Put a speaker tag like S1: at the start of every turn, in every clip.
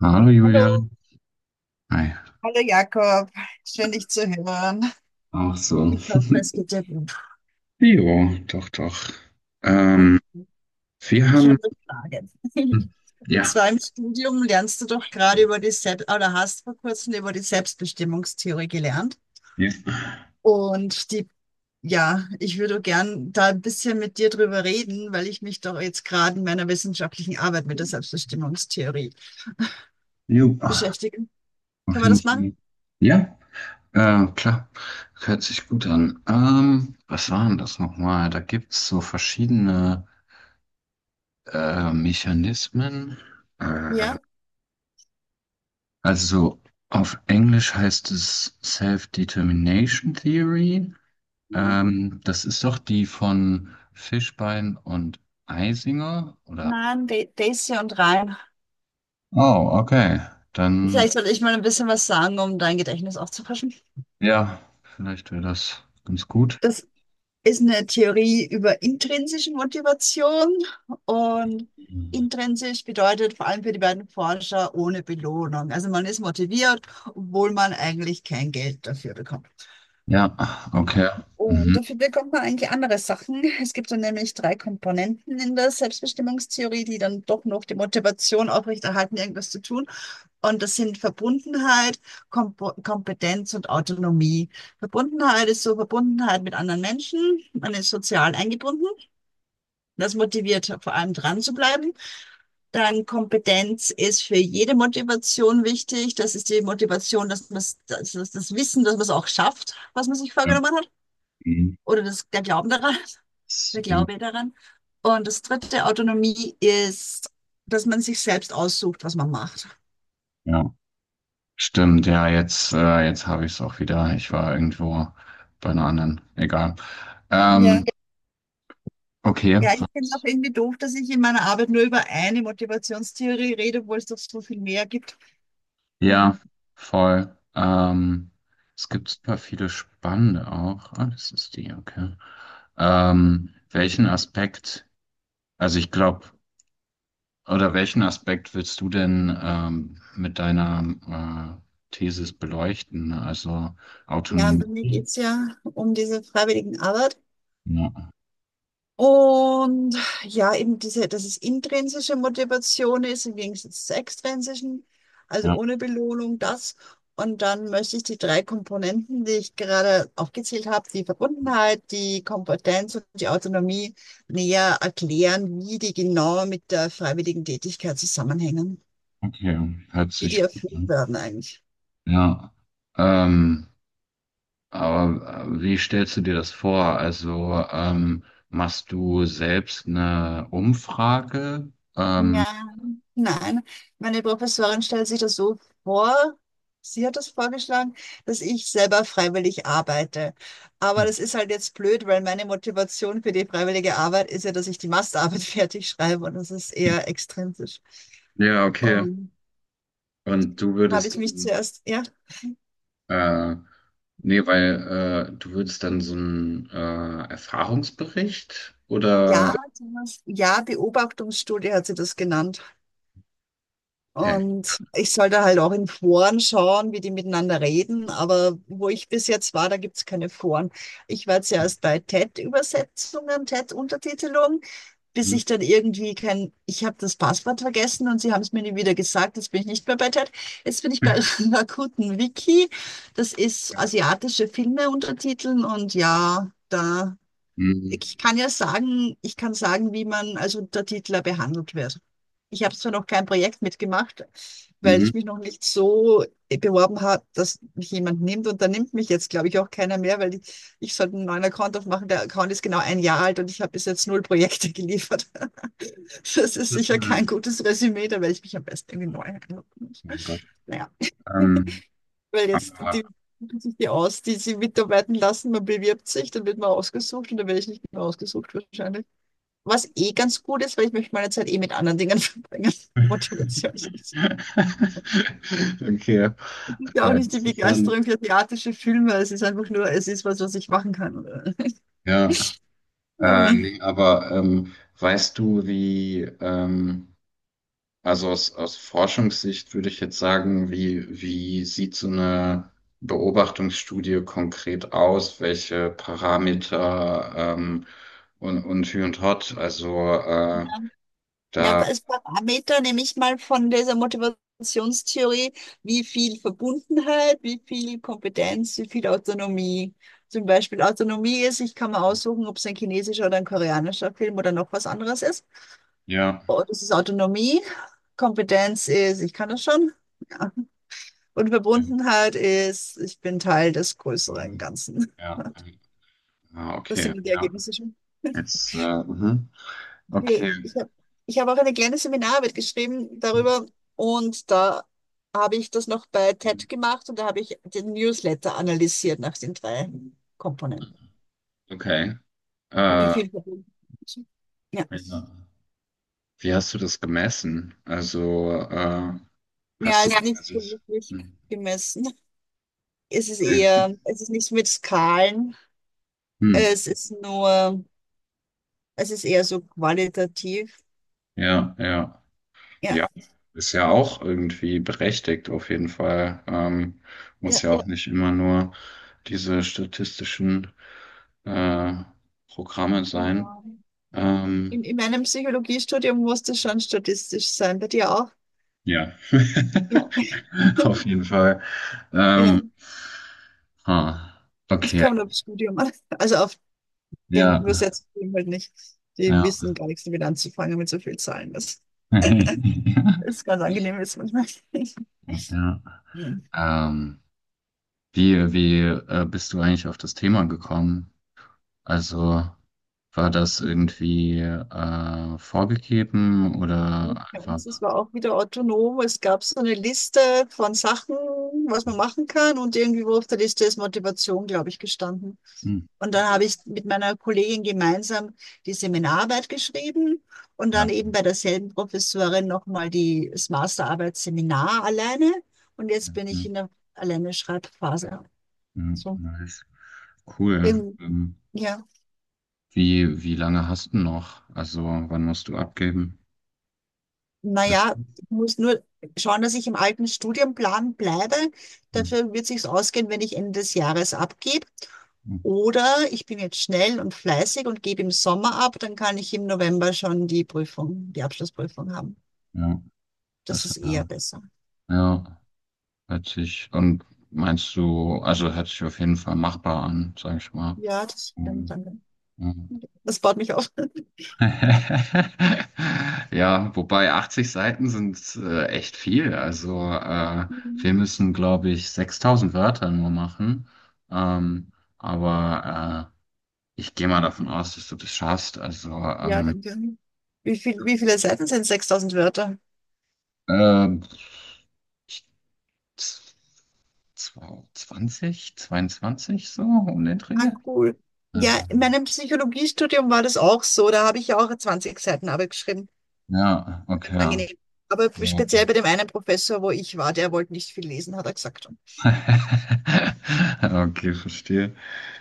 S1: Hallo
S2: Hallo,
S1: Julian. Hi.
S2: hallo Jakob, schön dich zu hören.
S1: Auch so.
S2: Ich hoffe, es geht dir gut.
S1: Jo, doch, doch. Ähm, wir
S2: Ich
S1: haben,
S2: habe eine Frage. Und
S1: ja,
S2: zwar im Studium lernst du doch gerade über die Selbst oder hast vor kurzem über die Selbstbestimmungstheorie gelernt.
S1: ja,
S2: Und die, ja, ich würde gern da ein bisschen mit dir drüber reden, weil ich mich doch jetzt gerade in meiner wissenschaftlichen Arbeit mit der Selbstbestimmungstheorie
S1: jo,
S2: beschäftige.
S1: auf
S2: Können wir
S1: jeden
S2: das machen?
S1: Fall. Ja, klar, hört sich gut an. Was waren das nochmal? Da gibt es so verschiedene Mechanismen. Äh,
S2: Ja?
S1: also auf Englisch heißt es Self-Determination Theory.
S2: Ja.
S1: Das ist doch die von Fischbein und Eisinger, oder?
S2: Nein, Daisy und Ryan.
S1: Oh, okay. Dann,
S2: Vielleicht sollte ich mal ein bisschen was sagen, um dein Gedächtnis aufzufrischen.
S1: ja, vielleicht wäre das ganz gut.
S2: Das ist eine Theorie über intrinsische Motivation und intrinsisch bedeutet vor allem für die beiden Forscher ohne Belohnung. Also man ist motiviert, obwohl man eigentlich kein Geld dafür bekommt.
S1: Ja, okay.
S2: Und
S1: Mhm.
S2: dafür bekommt man eigentlich andere Sachen. Es gibt dann nämlich drei Komponenten in der Selbstbestimmungstheorie, die dann doch noch die Motivation aufrechterhalten, irgendwas zu tun. Und das sind Verbundenheit, Kompetenz und Autonomie. Verbundenheit ist so Verbundenheit mit anderen Menschen. Man ist sozial eingebunden. Das motiviert vor allem dran zu bleiben. Dann Kompetenz ist für jede Motivation wichtig. Das ist die Motivation, dass man das, das Wissen, dass man es auch schafft, was man sich
S1: Ja.
S2: vorgenommen hat.
S1: Mhm.
S2: Oder das, der Glauben daran, der
S1: Jo.
S2: Glaube daran. Und das dritte, Autonomie, ist, dass man sich selbst aussucht, was man macht.
S1: Ja. Stimmt, ja, jetzt, jetzt habe ich es auch wieder. Ich war irgendwo bei einer anderen. Egal.
S2: Ja.
S1: Ähm, okay.
S2: Ja, ich finde es auch irgendwie doof, dass ich in meiner Arbeit nur über eine Motivationstheorie rede, obwohl es doch so viel mehr gibt.
S1: Ja,
S2: Mhm.
S1: voll. Es gibt super viele spannende auch. Ah, das ist die, okay. Welchen Aspekt, also ich glaube, oder welchen Aspekt willst du denn mit deiner Thesis beleuchten? Also
S2: Ja, bei
S1: Autonomie?
S2: mir geht es ja um diese freiwilligen Arbeit.
S1: Ja,
S2: Und ja, eben diese, dass es intrinsische Motivation ist im Gegensatz zur extrinsischen, also
S1: ja,
S2: ohne Belohnung, das. Und dann möchte ich die drei Komponenten, die ich gerade aufgezählt habe, die Verbundenheit, die Kompetenz und die Autonomie, näher erklären, wie die genau mit der freiwilligen Tätigkeit zusammenhängen.
S1: okay, hört
S2: Wie die
S1: sich gut
S2: erfüllt
S1: an.
S2: werden eigentlich.
S1: Ja, ähm, aber wie stellst du dir das vor? Also machst du selbst eine Umfrage?
S2: Ja. Nein, meine Professorin stellt sich das so vor, sie hat das vorgeschlagen, dass ich selber freiwillig arbeite. Aber das ist halt jetzt blöd, weil meine Motivation für die freiwillige Arbeit ist ja, dass ich die Masterarbeit fertig schreibe und das ist eher extrinsisch.
S1: Ja, okay.
S2: Und
S1: Und du
S2: habe ich
S1: würdest,
S2: mich zuerst, ja,
S1: dann, nee, weil du würdest dann so einen Erfahrungsbericht oder?
S2: ja, ja, Beobachtungsstudie hat sie das genannt.
S1: Okay.
S2: Und ich sollte halt auch in Foren schauen, wie die miteinander reden. Aber wo ich bis jetzt war, da gibt's keine Foren. Ich war zuerst bei TED-Übersetzungen, TED-Untertitelung, bis
S1: Mhm.
S2: ich dann irgendwie kein, ich habe das Passwort vergessen und sie haben es mir nie wieder gesagt. Jetzt bin ich nicht mehr bei TED. Jetzt bin ich bei Rakuten Wiki. Das ist
S1: Ja.
S2: asiatische Filme untertiteln und ja, da
S1: Mhm.
S2: ich kann ja sagen, ich kann sagen, wie man als Untertitler behandelt wird. Ich habe zwar noch kein Projekt mitgemacht, weil
S1: Mhm.
S2: ich mich noch nicht so beworben habe, dass mich jemand nimmt. Und da nimmt mich jetzt, glaube ich, auch keiner mehr, weil ich sollte einen neuen Account aufmachen. Der Account ist genau ein Jahr alt und ich habe bis jetzt null Projekte geliefert. Das
S1: Das
S2: ist
S1: ist,
S2: sicher kein
S1: oh
S2: gutes Resümee, da werde ich mich am besten irgendwie neu einloggen.
S1: mein Gott.
S2: Naja,
S1: Ähm,
S2: weil jetzt
S1: aber,
S2: die suchen sich die aus, die sie mitarbeiten lassen. Man bewirbt sich, dann wird man ausgesucht und dann werde ich nicht mehr ausgesucht wahrscheinlich. Was eh ganz gut ist, weil ich möchte meine Zeit eh mit anderen Dingen verbringen. Motivation ist nicht-
S1: okay.
S2: ist ja auch nicht die
S1: Das ist dann
S2: Begeisterung für asiatische Filme. Es ist einfach nur, es ist was, was ich machen kann. Oder?
S1: ja,
S2: Ja.
S1: nee, aber weißt du, wie, also aus, aus Forschungssicht würde ich jetzt sagen, wie, wie sieht so eine Beobachtungsstudie konkret aus? Welche Parameter ähm, und Hü und Hott? Also
S2: Ja,
S1: da,
S2: aber als Parameter nehme ich mal von dieser Motivationstheorie, wie viel Verbundenheit, wie viel Kompetenz, wie viel Autonomie. Zum Beispiel Autonomie ist, ich kann mir aussuchen, ob es ein chinesischer oder ein koreanischer Film oder noch was anderes ist.
S1: ja,
S2: Oh, das ist Autonomie. Kompetenz ist, ich kann das schon. Ja. Und
S1: ähm,
S2: Verbundenheit ist, ich bin Teil des größeren Ganzen.
S1: ja, ah,
S2: Das
S1: okay,
S2: sind die
S1: ja,
S2: Ergebnisse schon.
S1: jetzt, mhm. Okay,
S2: Ich habe ich hab auch eine kleine Seminararbeit geschrieben darüber und da habe ich das noch bei TED gemacht und da habe ich den Newsletter analysiert nach den drei Komponenten.
S1: okay,
S2: Wie
S1: äh,
S2: viel Verbundenheit? Ja.
S1: ja. Wie hast du das gemessen? Also,
S2: Ja,
S1: hast du
S2: ist
S1: Ja,
S2: nicht so
S1: quasi.
S2: wirklich
S1: Hm.
S2: gemessen. Es ist
S1: Es gibt-
S2: eher, es ist nicht mit Skalen,
S1: Hm.
S2: es ist nur, es ist eher so qualitativ.
S1: Ja, ja.
S2: Ja,
S1: Ja, ist ja auch irgendwie berechtigt, auf jeden Fall. Muss
S2: ja.
S1: ja ja, auch nicht immer nur diese statistischen äh, Programme sein.
S2: Genau.
S1: Ähm,
S2: In meinem Psychologiestudium musste schon statistisch sein. Bei dir auch?
S1: ja,
S2: Ja,
S1: auf jeden Fall.
S2: ja.
S1: Ähm, ah,
S2: Es
S1: okay,
S2: kommt aufs Studium an. Also auf dem
S1: ja,
S2: Übersetzungsstudium halt nicht. Die
S1: ja.
S2: wissen gar nichts damit anzufangen mit so viel Zahlen. Das ist ganz angenehm jetzt manchmal.
S1: Ja, ja.
S2: Mhm.
S1: Ähm, wie, wie bist du eigentlich auf das Thema gekommen? Also war das irgendwie vorgegeben oder
S2: Ja, es
S1: einfach?
S2: war auch wieder autonom. Es gab so eine Liste von Sachen, was man machen kann. Und irgendwo auf der Liste ist Motivation, glaube ich, gestanden.
S1: Hm.
S2: Und dann
S1: Ja.
S2: habe ich mit meiner Kollegin gemeinsam die Seminararbeit geschrieben und
S1: Ja.
S2: dann eben bei derselben Professorin nochmal die, das Masterarbeitsseminar alleine. Und jetzt bin ich
S1: Mhm.
S2: in der alleine Schreibphase.
S1: Mhm.
S2: So.
S1: Nice. Cool.
S2: Ähm, ja,
S1: Wie, wie lange hast du noch? Also wann musst du abgeben? Weißt
S2: naja,
S1: du?
S2: ich muss nur schauen, dass ich im alten Studienplan bleibe.
S1: Mhm.
S2: Dafür wird sich's ausgehen, wenn ich Ende des Jahres abgebe.
S1: Mhm.
S2: Oder ich bin jetzt schnell und fleißig und gebe im Sommer ab, dann kann ich im November schon die Prüfung, die Abschlussprüfung haben.
S1: Ja,
S2: Das
S1: das
S2: ist eher
S1: war,
S2: besser.
S1: ja, hört sich, und meinst du, also hört sich auf jeden Fall machbar an, sag ich mal.
S2: Ja, das stimmt. Danke.
S1: Mhm.
S2: Das baut mich auf.
S1: Ja, wobei 80 Seiten sind echt viel. Also wir müssen, glaube ich, 6000 Wörter nur machen. Ähm, aber ich gehe mal davon aus, dass du das schaffst. Also
S2: Ja, danke. Wie viele Seiten sind 6000 Wörter?
S1: ähm, ich, z- 20, 22 so um den
S2: Ah,
S1: Dreh.
S2: cool. Ja,
S1: Also,
S2: in meinem Psychologiestudium war das auch so. Da habe ich ja auch 20 Seiten Arbeit geschrieben.
S1: ja,
S2: Ganz
S1: okay.
S2: angenehm. Aber
S1: Ja.
S2: speziell bei dem einen Professor, wo ich war, der wollte nicht viel lesen, hat er gesagt.
S1: Okay, verstehe.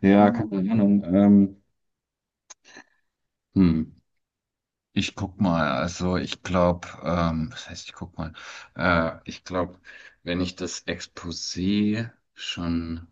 S1: Ja,
S2: Mhm.
S1: keine Ahnung. Hm. Ich guck mal, also ich glaube, was heißt ich guck mal? Ich glaube, wenn ich das Exposé schon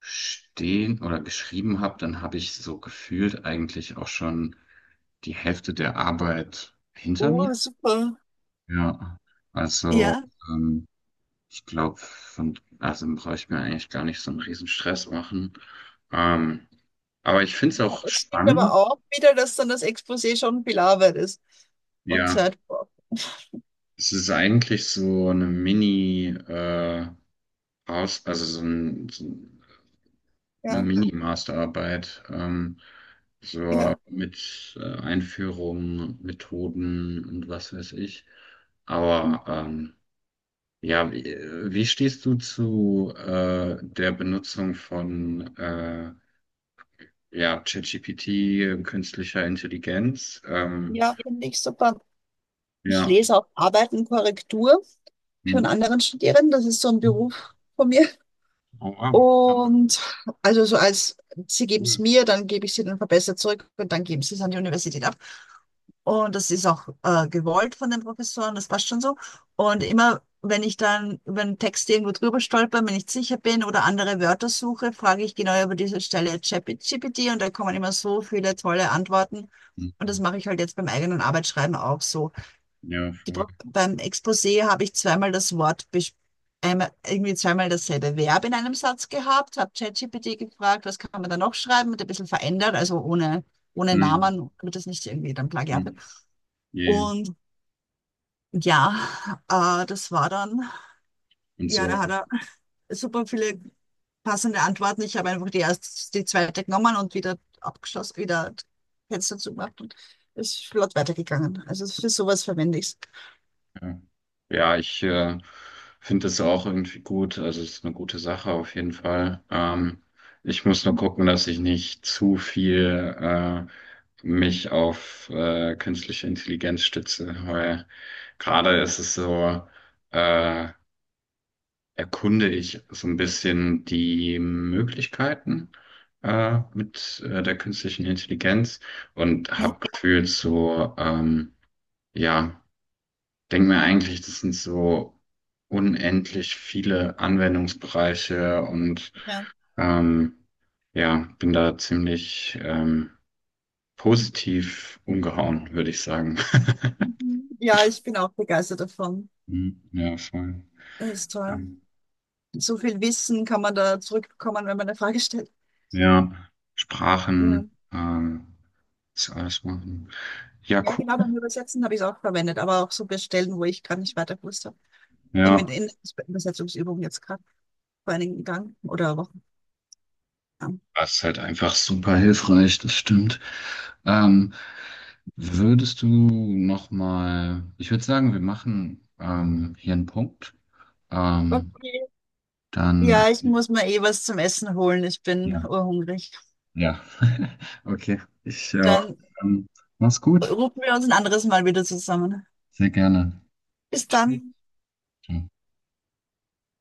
S1: stehen oder geschrieben habe, dann habe ich so gefühlt eigentlich auch schon die Hälfte der Arbeit hinter mir.
S2: Oh, super.
S1: Ja, also
S2: Ja,
S1: ähm, ich glaube, von, also brauche ich mir eigentlich gar nicht so einen riesen Stress machen. Ähm, aber ich finde es auch
S2: es stimmt aber
S1: spannend.
S2: auch wieder, dass dann das Exposé schon viel Arbeit ist und
S1: Ja,
S2: Zeit braucht.
S1: es ist eigentlich so eine Mini, Aus, also so, ein, so eine
S2: Ja,
S1: Mini-Masterarbeit, so
S2: ja.
S1: mit Einführung, Methoden und was weiß ich. Aber ja, wie, wie stehst du zu der Benutzung von ja, ChatGPT, künstlicher Intelligenz?
S2: Ja, finde ich super. Ich
S1: Ja.
S2: lese auch Arbeit und Korrektur für
S1: Hm.
S2: einen anderen Studierenden. Das ist so ein Beruf von mir.
S1: Oh, wow.
S2: Und also so als, sie
S1: Ja,
S2: geben es
S1: cool.
S2: mir, dann gebe ich sie dann verbessert zurück und dann geben sie es an die Universität ab. Und das ist auch gewollt von den Professoren, das passt schon so. Und immer, wenn ich dann über einen Text irgendwo drüber stolper, wenn ich nicht sicher bin oder andere Wörter suche, frage ich genau über diese Stelle ChatGPT und da kommen immer so viele tolle Antworten. Und das
S1: Mhm.
S2: mache ich halt jetzt beim eigenen Arbeitsschreiben auch so.
S1: Ja, voll.
S2: Beim Exposé habe ich zweimal das Wort, einmal, irgendwie zweimal dasselbe Verb in einem Satz gehabt, habe ChatGPT gefragt, was kann man da noch schreiben und ein bisschen verändert, also ohne, ohne
S1: Mhm.
S2: Namen, damit das nicht irgendwie dann Plagiat wird.
S1: Mhm. Yeah.
S2: Und ja, das war dann,
S1: Und
S2: ja, da
S1: so.
S2: hat er super viele passende Antworten. Ich habe einfach die zweite genommen und wieder abgeschlossen, wieder Fenster zugemacht und ist flott weitergegangen. Also für sowas verwende ich es.
S1: Ja, ja, ich finde das auch irgendwie gut. Also es ist eine gute Sache auf jeden Fall. Ich muss nur gucken, dass ich nicht zu viel mich auf künstliche Intelligenz stütze, weil gerade ist es so, äh, erkunde ich so ein bisschen die Möglichkeiten mit der künstlichen Intelligenz und
S2: Ja.
S1: habe gefühlt so, ja denke mir eigentlich, das sind so unendlich viele Anwendungsbereiche und
S2: Ja.
S1: ähm, ja, bin da ziemlich positiv umgehauen, würde ich sagen.
S2: Mhm. Ja, ich bin auch begeistert davon.
S1: Mhm, ja, voll.
S2: Das ist toll.
S1: Ähm,
S2: So viel Wissen kann man da zurückbekommen, wenn man eine Frage stellt.
S1: ja,
S2: Ja,
S1: Sprachen, ähm, das alles machen. Ja,
S2: ja genau,
S1: cool.
S2: beim Übersetzen habe ich es auch verwendet, aber auch so bei Stellen, wo ich gerade nicht weiter gewusst habe. in,
S1: Ja,
S2: in Übersetzungsübung jetzt gerade vor einigen Tagen oder Wochen. Ja.
S1: das ist halt einfach super hilfreich, das stimmt. Ähm, würdest du noch mal, ich würde sagen, wir machen hier einen Punkt. Ähm,
S2: Okay.
S1: Dann,
S2: Ja, ich muss mir eh was zum Essen holen. Ich bin
S1: ja,
S2: urhungrig.
S1: ja. Okay, ich, ja,
S2: Dann
S1: dann mach's gut.
S2: rufen wir uns ein anderes Mal wieder zusammen.
S1: Sehr gerne.
S2: Bis
S1: Tschüss.
S2: dann.
S1: Ciao.